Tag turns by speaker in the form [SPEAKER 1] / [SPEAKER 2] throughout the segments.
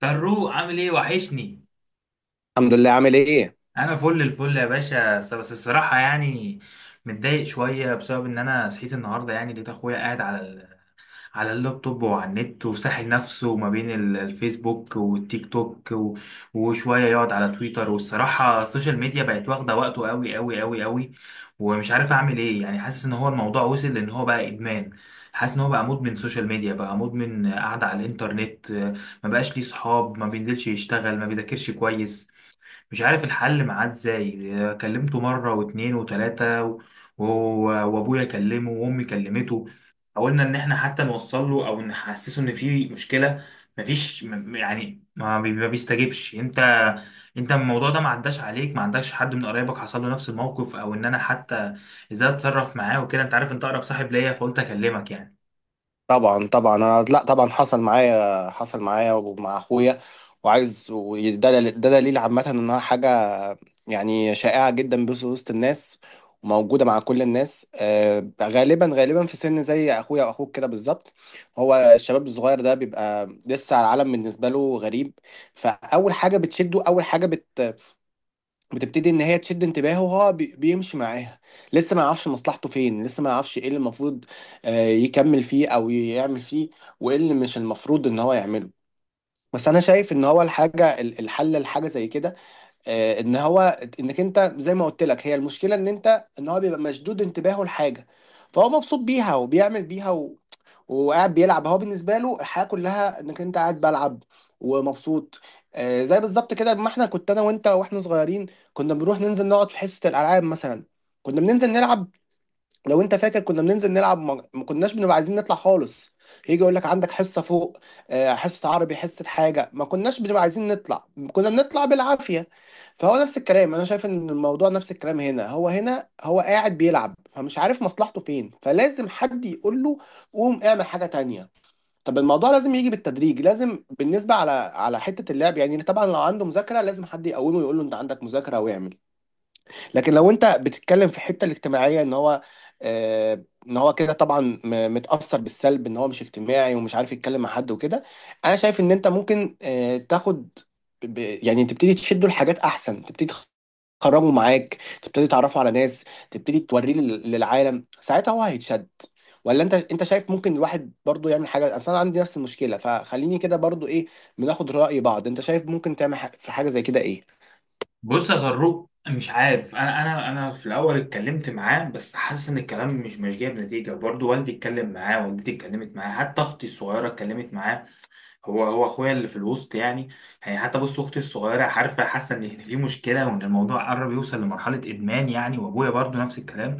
[SPEAKER 1] طروق عامل ايه؟ وحشني.
[SPEAKER 2] الحمد لله. عامل ايه؟
[SPEAKER 1] انا فل الفل يا باشا، بس الصراحه يعني متضايق شويه بسبب ان انا صحيت النهارده، يعني لقيت اخويا قاعد على اللابتوب وعلى النت وساحل نفسه ما بين الفيسبوك والتيك توك وشوية يقعد على تويتر، والصراحة السوشيال ميديا بقت واخدة وقته قوي قوي قوي قوي. ومش عارف اعمل ايه، يعني حاسس ان هو الموضوع وصل لان هو بقى ادمان. حاسس ان هو بقى مدمن سوشيال ميديا، بقى مدمن قاعدة على الانترنت. ما بقاش ليه صحاب، ما بينزلش يشتغل، ما بيذاكرش كويس. مش عارف الحل معاه ازاي. كلمته مرة واتنين وتلاتة وابويا كلمه وامي كلمته، حاولنا ان احنا حتى نوصل له او نحسسه ان في مشكلة. مفيش م- يعني ما بي- ما بيستجيبش. انت الموضوع ده ما عداش عليك؟ ما عندكش حد من قرايبك حصل له نفس الموقف، او ان انا حتى ازاي اتصرف معاه وكده؟ انت عارف انت اقرب صاحب ليا، فقلت اكلمك يعني.
[SPEAKER 2] طبعا طبعا، أنا لا طبعا حصل معايا ومع اخويا. وعايز، ده دليل عامه انها حاجه يعني شائعه جدا، بس وسط الناس وموجوده مع كل الناس. غالبا غالبا في سن زي اخويا واخوك كده بالظبط. هو الشباب الصغير ده بيبقى لسه العالم بالنسبه له غريب، فاول حاجه بتشده، اول حاجه بتبتدي ان هي تشد انتباهه، وهو بيمشي معاها. لسه ما يعرفش مصلحته فين، لسه ما يعرفش ايه اللي المفروض يكمل فيه او يعمل فيه، وايه اللي مش المفروض ان هو يعمله. بس انا شايف ان هو الحاجه، الحل لحاجه زي كده آه، ان هو انك انت زي ما قلت لك، هي المشكله ان هو بيبقى مشدود انتباهه لحاجه، فهو مبسوط بيها وبيعمل بيها وقاعد بيلعب. هو بالنسبه له الحياه كلها انك انت قاعد بلعب ومبسوط. زي بالظبط كده، ما احنا كنت انا وانت واحنا صغيرين، كنا بنروح ننزل نقعد في حصه الالعاب مثلا، كنا بننزل نلعب. لو انت فاكر كنا بننزل نلعب، ما كناش بنبقى عايزين نطلع خالص. يجي يقول لك عندك حصه فوق، حصه عربي حصه حاجه، ما كناش بنبقى عايزين نطلع، كنا بنطلع بالعافيه. فهو نفس الكلام، انا شايف ان الموضوع نفس الكلام هنا هو قاعد بيلعب، فمش عارف مصلحته فين، فلازم حد يقول له قوم اعمل حاجه تانية. طب الموضوع لازم يجي بالتدريج، لازم بالنسبه على حته اللعب يعني. طبعا لو عنده مذاكره، لازم حد يقومه يقول له انت عندك مذاكره واعمل. لكن لو انت بتتكلم في الحته الاجتماعيه، ان هو كده طبعا متاثر بالسلب، ان هو مش اجتماعي ومش عارف يتكلم مع حد وكده. انا شايف ان انت ممكن تاخد، ب- يعني تبتدي تشده لحاجات احسن، تبتدي تخرجه معاك، تبتدي تعرفه على ناس، تبتدي توريه للعالم، ساعتها هو هيتشد. ولا انت شايف ممكن الواحد برضو يعمل حاجه؟ اصل انا عندي نفس المشكله، فخليني كده برضو ايه، بناخد راي بعض. انت شايف ممكن تعمل في حاجه زي كده ايه؟
[SPEAKER 1] بص يا طارق، مش عارف، انا في الاول اتكلمت معاه بس حاسس ان الكلام مش جايب نتيجه برضه، والدي اتكلم معاه، والدتي اتكلمت معاه، حتى اختي الصغيره اتكلمت معاه. هو اخويا اللي في الوسط يعني. يعني حتى بص اختي الصغيره عارفه، حاسه ان في مشكله وان الموضوع قرب يوصل لمرحله ادمان يعني، وابويا برضه نفس الكلام.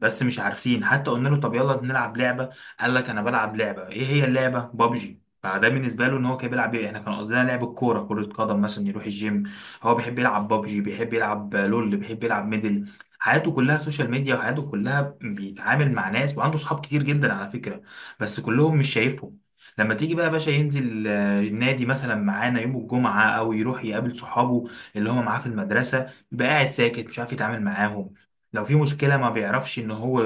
[SPEAKER 1] بس مش عارفين. حتى قلنا له طب يلا نلعب لعبة، قال لك انا بلعب لعبة. ايه هي اللعبة؟ بابجي. فده بالنسبة له ان هو كان بيلعب، ايه؟ احنا كان قصدنا لعب الكورة، كرة قدم مثلا، يروح الجيم. هو بيحب يلعب بابجي، بيحب يلعب لول، بيحب يلعب ميدل. حياته كلها سوشيال ميديا، وحياته كلها بيتعامل مع ناس، وعنده صحاب كتير جدا على فكرة، بس كلهم مش شايفهم. لما تيجي بقى يا باشا ينزل النادي مثلا معانا يوم الجمعة، أو يروح يقابل صحابه اللي هم معاه في المدرسة، يبقى قاعد ساكت مش عارف يتعامل معاهم. لو في مشكلة ما بيعرفش ان هو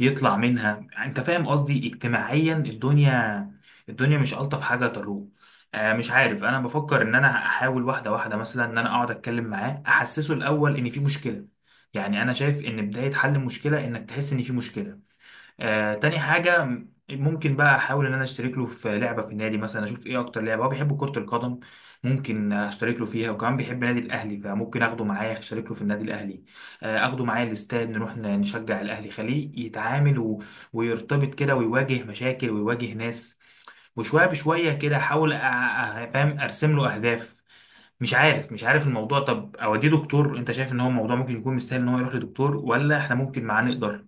[SPEAKER 1] يطلع منها. انت فاهم قصدي؟ اجتماعيا الدنيا، الدنيا مش ألطف حاجة تروه. مش عارف، انا بفكر ان انا احاول واحدة واحدة، مثلا ان انا اقعد اتكلم معاه، احسسه الاول ان في مشكلة. يعني انا شايف ان بداية حل المشكلة انك تحس ان في مشكلة. تاني حاجة ممكن بقى أحاول إن أنا أشترك له في لعبة في النادي مثلا، أشوف إيه أكتر لعبة هو بيحب. كرة القدم ممكن أشترك له فيها، وكمان بيحب النادي الأهلي فممكن أخده معايا أشترك له في النادي الأهلي. أخده معايا الاستاد، نروح نشجع الأهلي، خليه يتعامل و... ويرتبط كده ويواجه مشاكل ويواجه ناس. وشوية بشوية كده أحاول فاهم، أرسم له أهداف. مش عارف، مش عارف الموضوع، طب أوديه دكتور؟ أنت شايف إن هو الموضوع ممكن يكون مستاهل إن هو يروح لدكتور، ولا إحنا ممكن معاه نقدر؟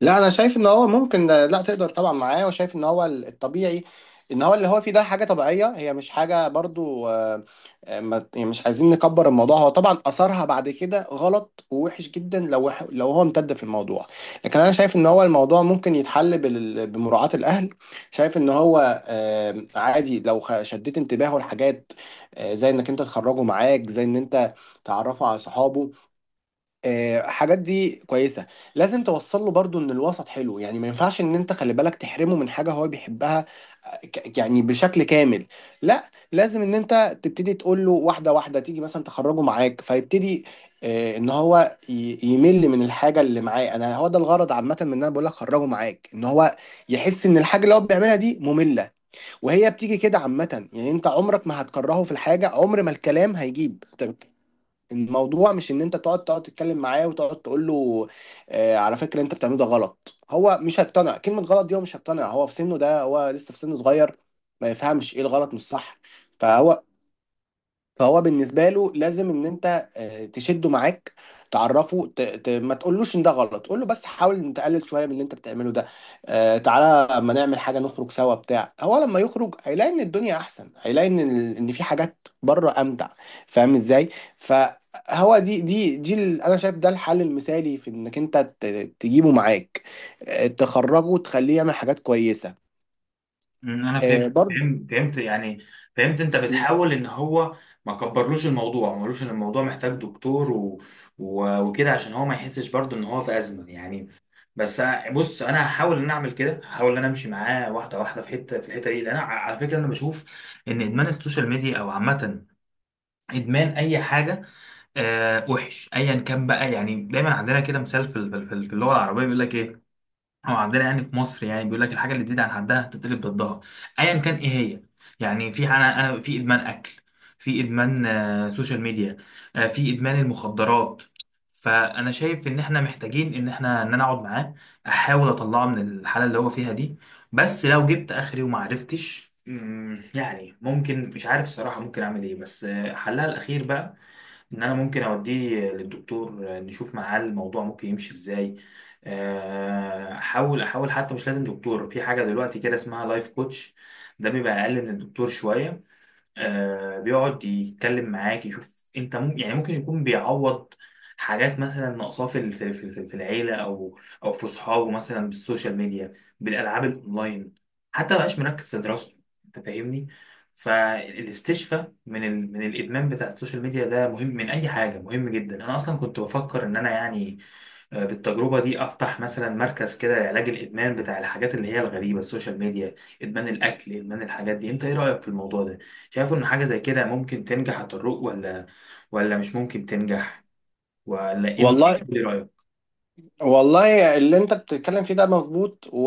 [SPEAKER 2] لا انا شايف ان هو ممكن، لا تقدر طبعا معاه. وشايف ان هو الطبيعي، ان هو اللي هو فيه ده حاجه طبيعيه، هي مش حاجه برضو. يعني مش عايزين نكبر الموضوع. هو طبعا اثرها بعد كده غلط ووحش جدا، لو لو هو امتد في الموضوع. لكن انا شايف ان هو الموضوع ممكن يتحل بمراعاه الاهل. شايف ان هو عادي لو شديت انتباهه لحاجات، زي انك انت تخرجه معاك، زي ان انت تعرفه على صحابه. حاجات دي كويسة. لازم توصل له برضو ان الوسط حلو، يعني ما ينفعش ان انت خلي بالك تحرمه من حاجة هو بيحبها يعني بشكل كامل. لا لازم ان انت تبتدي تقول له واحدة واحدة، تيجي مثلا تخرجه معاك فيبتدي ان هو يمل من الحاجة اللي معاه. انا هو ده الغرض عامة من ان انا بقول لك خرجه معاك، ان هو يحس ان الحاجة اللي هو بيعملها دي مملة، وهي بتيجي كده عامة يعني. انت عمرك ما هتكرهه في الحاجة، عمر ما الكلام هيجيب. الموضوع مش ان انت تقعد تتكلم معاه وتقعد تقول له على فكره انت بتعمله ده غلط. هو مش هيقتنع، كلمه غلط دي هو مش هيقتنع، هو في سنه ده، هو لسه في سن صغير، ما يفهمش ايه الغلط مش صح. فهو فهو بالنسبه له لازم ان انت تشده معاك، تعرفه، ما تقولوش ان ده غلط، قول له بس حاول ان تقلل شويه من اللي انت بتعمله ده. تعالى اما نعمل حاجه، نخرج سوا بتاع. هو لما يخرج هيلاقي ان الدنيا احسن، هيلاقي ان ان في حاجات بره امتع، فاهم ازاي؟ فهو انا شايف ده الحل المثالي، في انك انت تجيبه معاك، تخرجه وتخليه يعمل حاجات كويسه.
[SPEAKER 1] انا فهمت.
[SPEAKER 2] برضه.
[SPEAKER 1] فهمت، فهمت يعني. فهمت انت بتحاول ان هو ما كبرلوش الموضوع، ما قالوش ان الموضوع محتاج دكتور و... و... وكده، عشان هو ما يحسش برضه ان هو في ازمه يعني. بس بص انا هحاول ان أنا اعمل كده، هحاول ان انا امشي معاه واحده واحده في حته، في الحته دي، لان أنا على فكره انا بشوف ان ادمان السوشيال ميديا، او عامه ادمان اي حاجه، وحش ايا كان بقى يعني. دايما عندنا كده مثال في اللغه العربيه بيقول لك ايه، هو عندنا يعني في مصر يعني بيقول لك: الحاجه اللي تزيد عن حدها تتقلب ضدها، ايا كان ايه هي. يعني في، انا في ادمان اكل، في ادمان سوشيال ميديا، في ادمان المخدرات. فانا شايف ان احنا محتاجين ان احنا، ان انا اقعد معاه، احاول اطلعه من الحاله اللي هو فيها دي. بس لو جبت اخري وما عرفتش، يعني ممكن، مش عارف الصراحه ممكن اعمل ايه، بس حلها الاخير بقى ان انا ممكن اوديه للدكتور، نشوف معاه الموضوع ممكن يمشي ازاي. احاول، احاول حتى مش لازم دكتور، في حاجه دلوقتي كده اسمها لايف كوتش، ده بيبقى اقل من الدكتور شويه. بيقعد يتكلم معاك، يشوف انت ممكن، يعني ممكن يكون بيعوض حاجات مثلا ناقصاه في في العيله، او او في صحابه، مثلا بالسوشيال ميديا، بالالعاب الاونلاين. حتى ما بقاش مركز في دراسته. انت فاهمني؟ فالاستشفاء من ال... من الادمان بتاع السوشيال ميديا ده مهم من اي حاجه، مهم جدا. انا اصلا كنت بفكر ان انا يعني بالتجربة دي أفتح مثلا مركز كده لعلاج الإدمان، بتاع الحاجات اللي هي الغريبة، السوشيال ميديا، إدمان الأكل، إدمان الحاجات دي. أنت إيه رأيك في الموضوع ده؟ شايف إن حاجة زي كده ممكن تنجح هتروق، ولا ولا مش ممكن تنجح، ولا إن
[SPEAKER 2] والله.
[SPEAKER 1] إيه، إيه رأيك؟
[SPEAKER 2] والله اللي انت بتتكلم فيه ده مظبوط،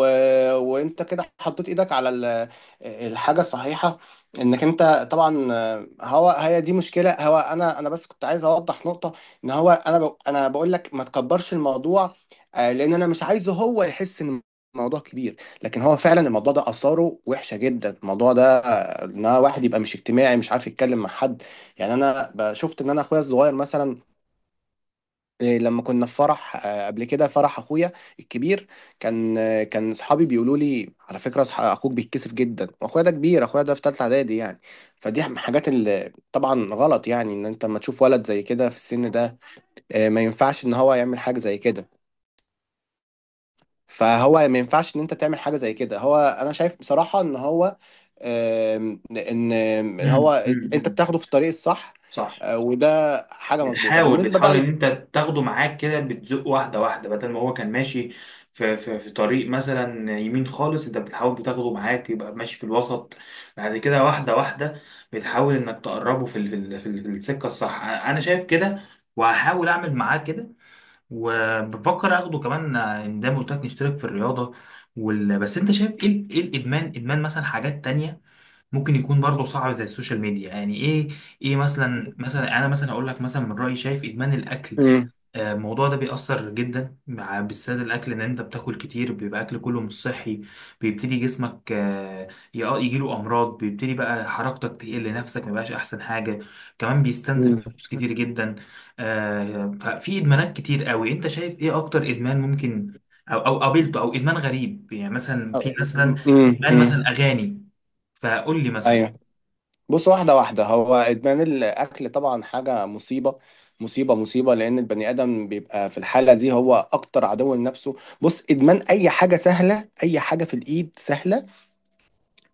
[SPEAKER 2] وانت كده حطيت ايدك على الحاجه الصحيحه، انك انت طبعا. هو هي دي مشكله، هو انا بس كنت عايز اوضح نقطه، ان هو انا بقول لك ما تكبرش الموضوع، لان انا مش عايزه هو يحس ان الموضوع كبير. لكن هو فعلا الموضوع ده اثاره وحشه جدا، الموضوع ده ان واحد يبقى مش اجتماعي، مش عارف يتكلم مع حد. يعني انا شفت ان انا اخويا الصغير مثلا، لما كنا في فرح، قبل كده، فرح اخويا الكبير، كان صحابي بيقولوا لي على فكره، اخوك بيتكسف جدا. واخويا ده كبير، اخويا ده في ثالثه اعدادي يعني. فدي من الحاجات اللي طبعا غلط، يعني ان انت لما تشوف ولد زي كده في السن ده، ما ينفعش ان هو يعمل حاجه زي كده. فهو ما ينفعش ان انت تعمل حاجه زي كده. هو انا شايف بصراحه ان هو، آم، ان إن هو انت
[SPEAKER 1] أمم.
[SPEAKER 2] بتاخده في الطريق الصح.
[SPEAKER 1] صح.
[SPEAKER 2] وده حاجه مظبوطه
[SPEAKER 1] بتحاول،
[SPEAKER 2] بالنسبه
[SPEAKER 1] بتحاول
[SPEAKER 2] بقى
[SPEAKER 1] ان انت تاخده معاك كده، بتزق واحده واحده، بدل ما هو كان ماشي في طريق مثلا يمين خالص، انت بتحاول بتاخده معاك يبقى ماشي في الوسط، بعد كده واحده واحده. بتحاول انك تقربه في السكه الصح. انا شايف كده وهحاول اعمل معاه كده. وبفكر اخده كمان، ان ده قلت لك نشترك في الرياضه. وال... بس انت شايف ايه، ايه الادمان، ادمان مثلا حاجات تانية ممكن يكون برضه صعب زي السوشيال ميديا يعني؟ ايه، ايه مثلا؟ مثلا انا مثلا اقول لك مثلا من رايي شايف ادمان الاكل،
[SPEAKER 2] مم.
[SPEAKER 1] الموضوع ده بيأثر جدا، مع بالذات الاكل، ان انت بتاكل كتير، بيبقى اكل كله مش صحي، بيبتدي جسمك يجيله امراض، بيبتدي بقى حركتك تقل، نفسك ما بقاش احسن حاجه، كمان بيستنزف
[SPEAKER 2] مم.
[SPEAKER 1] فلوس كتير جدا. ففي ادمانات كتير قوي. انت شايف ايه اكتر ادمان ممكن، او او قابلته، او ادمان غريب يعني مثلا؟ في مثلا ادمان
[SPEAKER 2] امم،
[SPEAKER 1] مثلا اغاني، فقول لي مثلا.
[SPEAKER 2] ايوه. بص، واحده واحده، هو ادمان الاكل طبعا حاجه مصيبه مصيبه مصيبه، لان البني ادم بيبقى في الحاله دي هو اكتر عدو لنفسه. بص، ادمان اي حاجه سهله، اي حاجه في الايد سهله،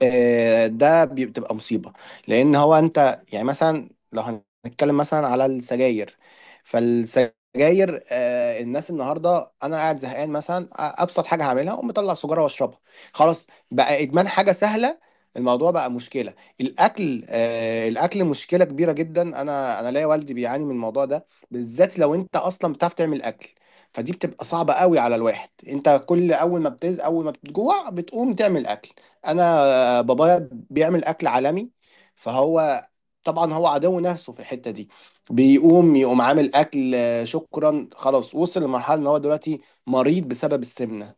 [SPEAKER 2] ده بتبقى مصيبة. لأن هو أنت يعني مثلا، لو هنتكلم مثلا على السجاير، فالسجاير الناس النهاردة، أنا قاعد زهقان مثلا، أبسط حاجة هعملها أقوم مطلع سجارة وأشربها. خلاص بقى إدمان حاجة سهلة، الموضوع بقى مشكلة. الأكل مشكلة كبيرة جدا. أنا ليا والدي بيعاني من الموضوع ده بالذات. لو أنت أصلا بتعرف تعمل أكل، فدي بتبقى صعبة قوي على الواحد، أنت كل أول ما بتجوع بتقوم تعمل أكل. انا آه، بابايا بيعمل اكل عالمي، فهو طبعا هو عدو نفسه في الحته دي، بيقوم عامل اكل. شكرا، خلاص وصل لمرحله ان هو دلوقتي مريض بسبب السمنه.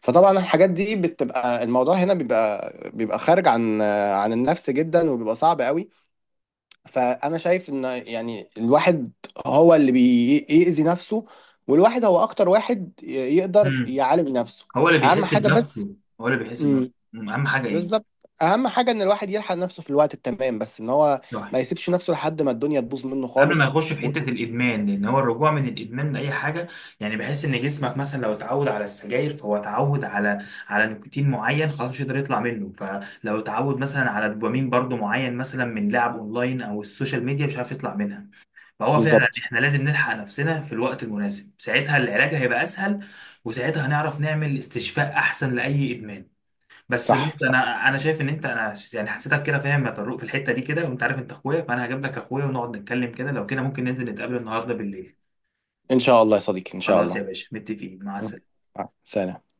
[SPEAKER 2] فطبعا الحاجات دي بتبقى، الموضوع هنا بيبقى خارج عن النفس جدا، وبيبقى صعب قوي. فانا شايف ان يعني الواحد هو اللي بيأذي نفسه، والواحد هو اكتر واحد يقدر
[SPEAKER 1] امم
[SPEAKER 2] يعالج نفسه.
[SPEAKER 1] هو اللي بيحس
[SPEAKER 2] اهم حاجه بس،
[SPEAKER 1] بنفسه، هو اللي بيحس بنفسه. اهم حاجه ايه؟
[SPEAKER 2] بالظبط، اهم حاجه ان الواحد يلحق نفسه في الوقت التمام، بس ان هو
[SPEAKER 1] صح.
[SPEAKER 2] ما يسيبش نفسه لحد ما الدنيا تبوظ منه
[SPEAKER 1] قبل ما
[SPEAKER 2] خالص.
[SPEAKER 1] يخش في
[SPEAKER 2] و...
[SPEAKER 1] حته الادمان، لان هو الرجوع من الادمان لاي حاجه، يعني بحس ان جسمك مثلا لو اتعود على السجاير فهو اتعود على نيكوتين معين، خلاص مش قادر يطلع منه. فلو اتعود مثلا على دوبامين برضو معين، مثلا من لعب اونلاين او السوشيال ميديا، مش عارف يطلع منها. فهو فعلا
[SPEAKER 2] بالظبط.
[SPEAKER 1] احنا لازم نلحق نفسنا في الوقت المناسب، ساعتها العلاج هيبقى اسهل، وساعتها هنعرف نعمل استشفاء احسن لاي ادمان. بس بص،
[SPEAKER 2] صح صح.
[SPEAKER 1] انا شايف ان انت، انا يعني حسيتك كده فاهم يا طارق في الحته دي كده، وانت عارف انت اخويا، فانا هجيب لك اخويا ونقعد نتكلم كده. لو كده ممكن ننزل نتقابل النهارده بالليل.
[SPEAKER 2] ان شاء الله يا صديقي، ان شاع
[SPEAKER 1] خلاص يا
[SPEAKER 2] الله.
[SPEAKER 1] باشا، متفقين. مع
[SPEAKER 2] م.
[SPEAKER 1] السلامه.
[SPEAKER 2] سلام.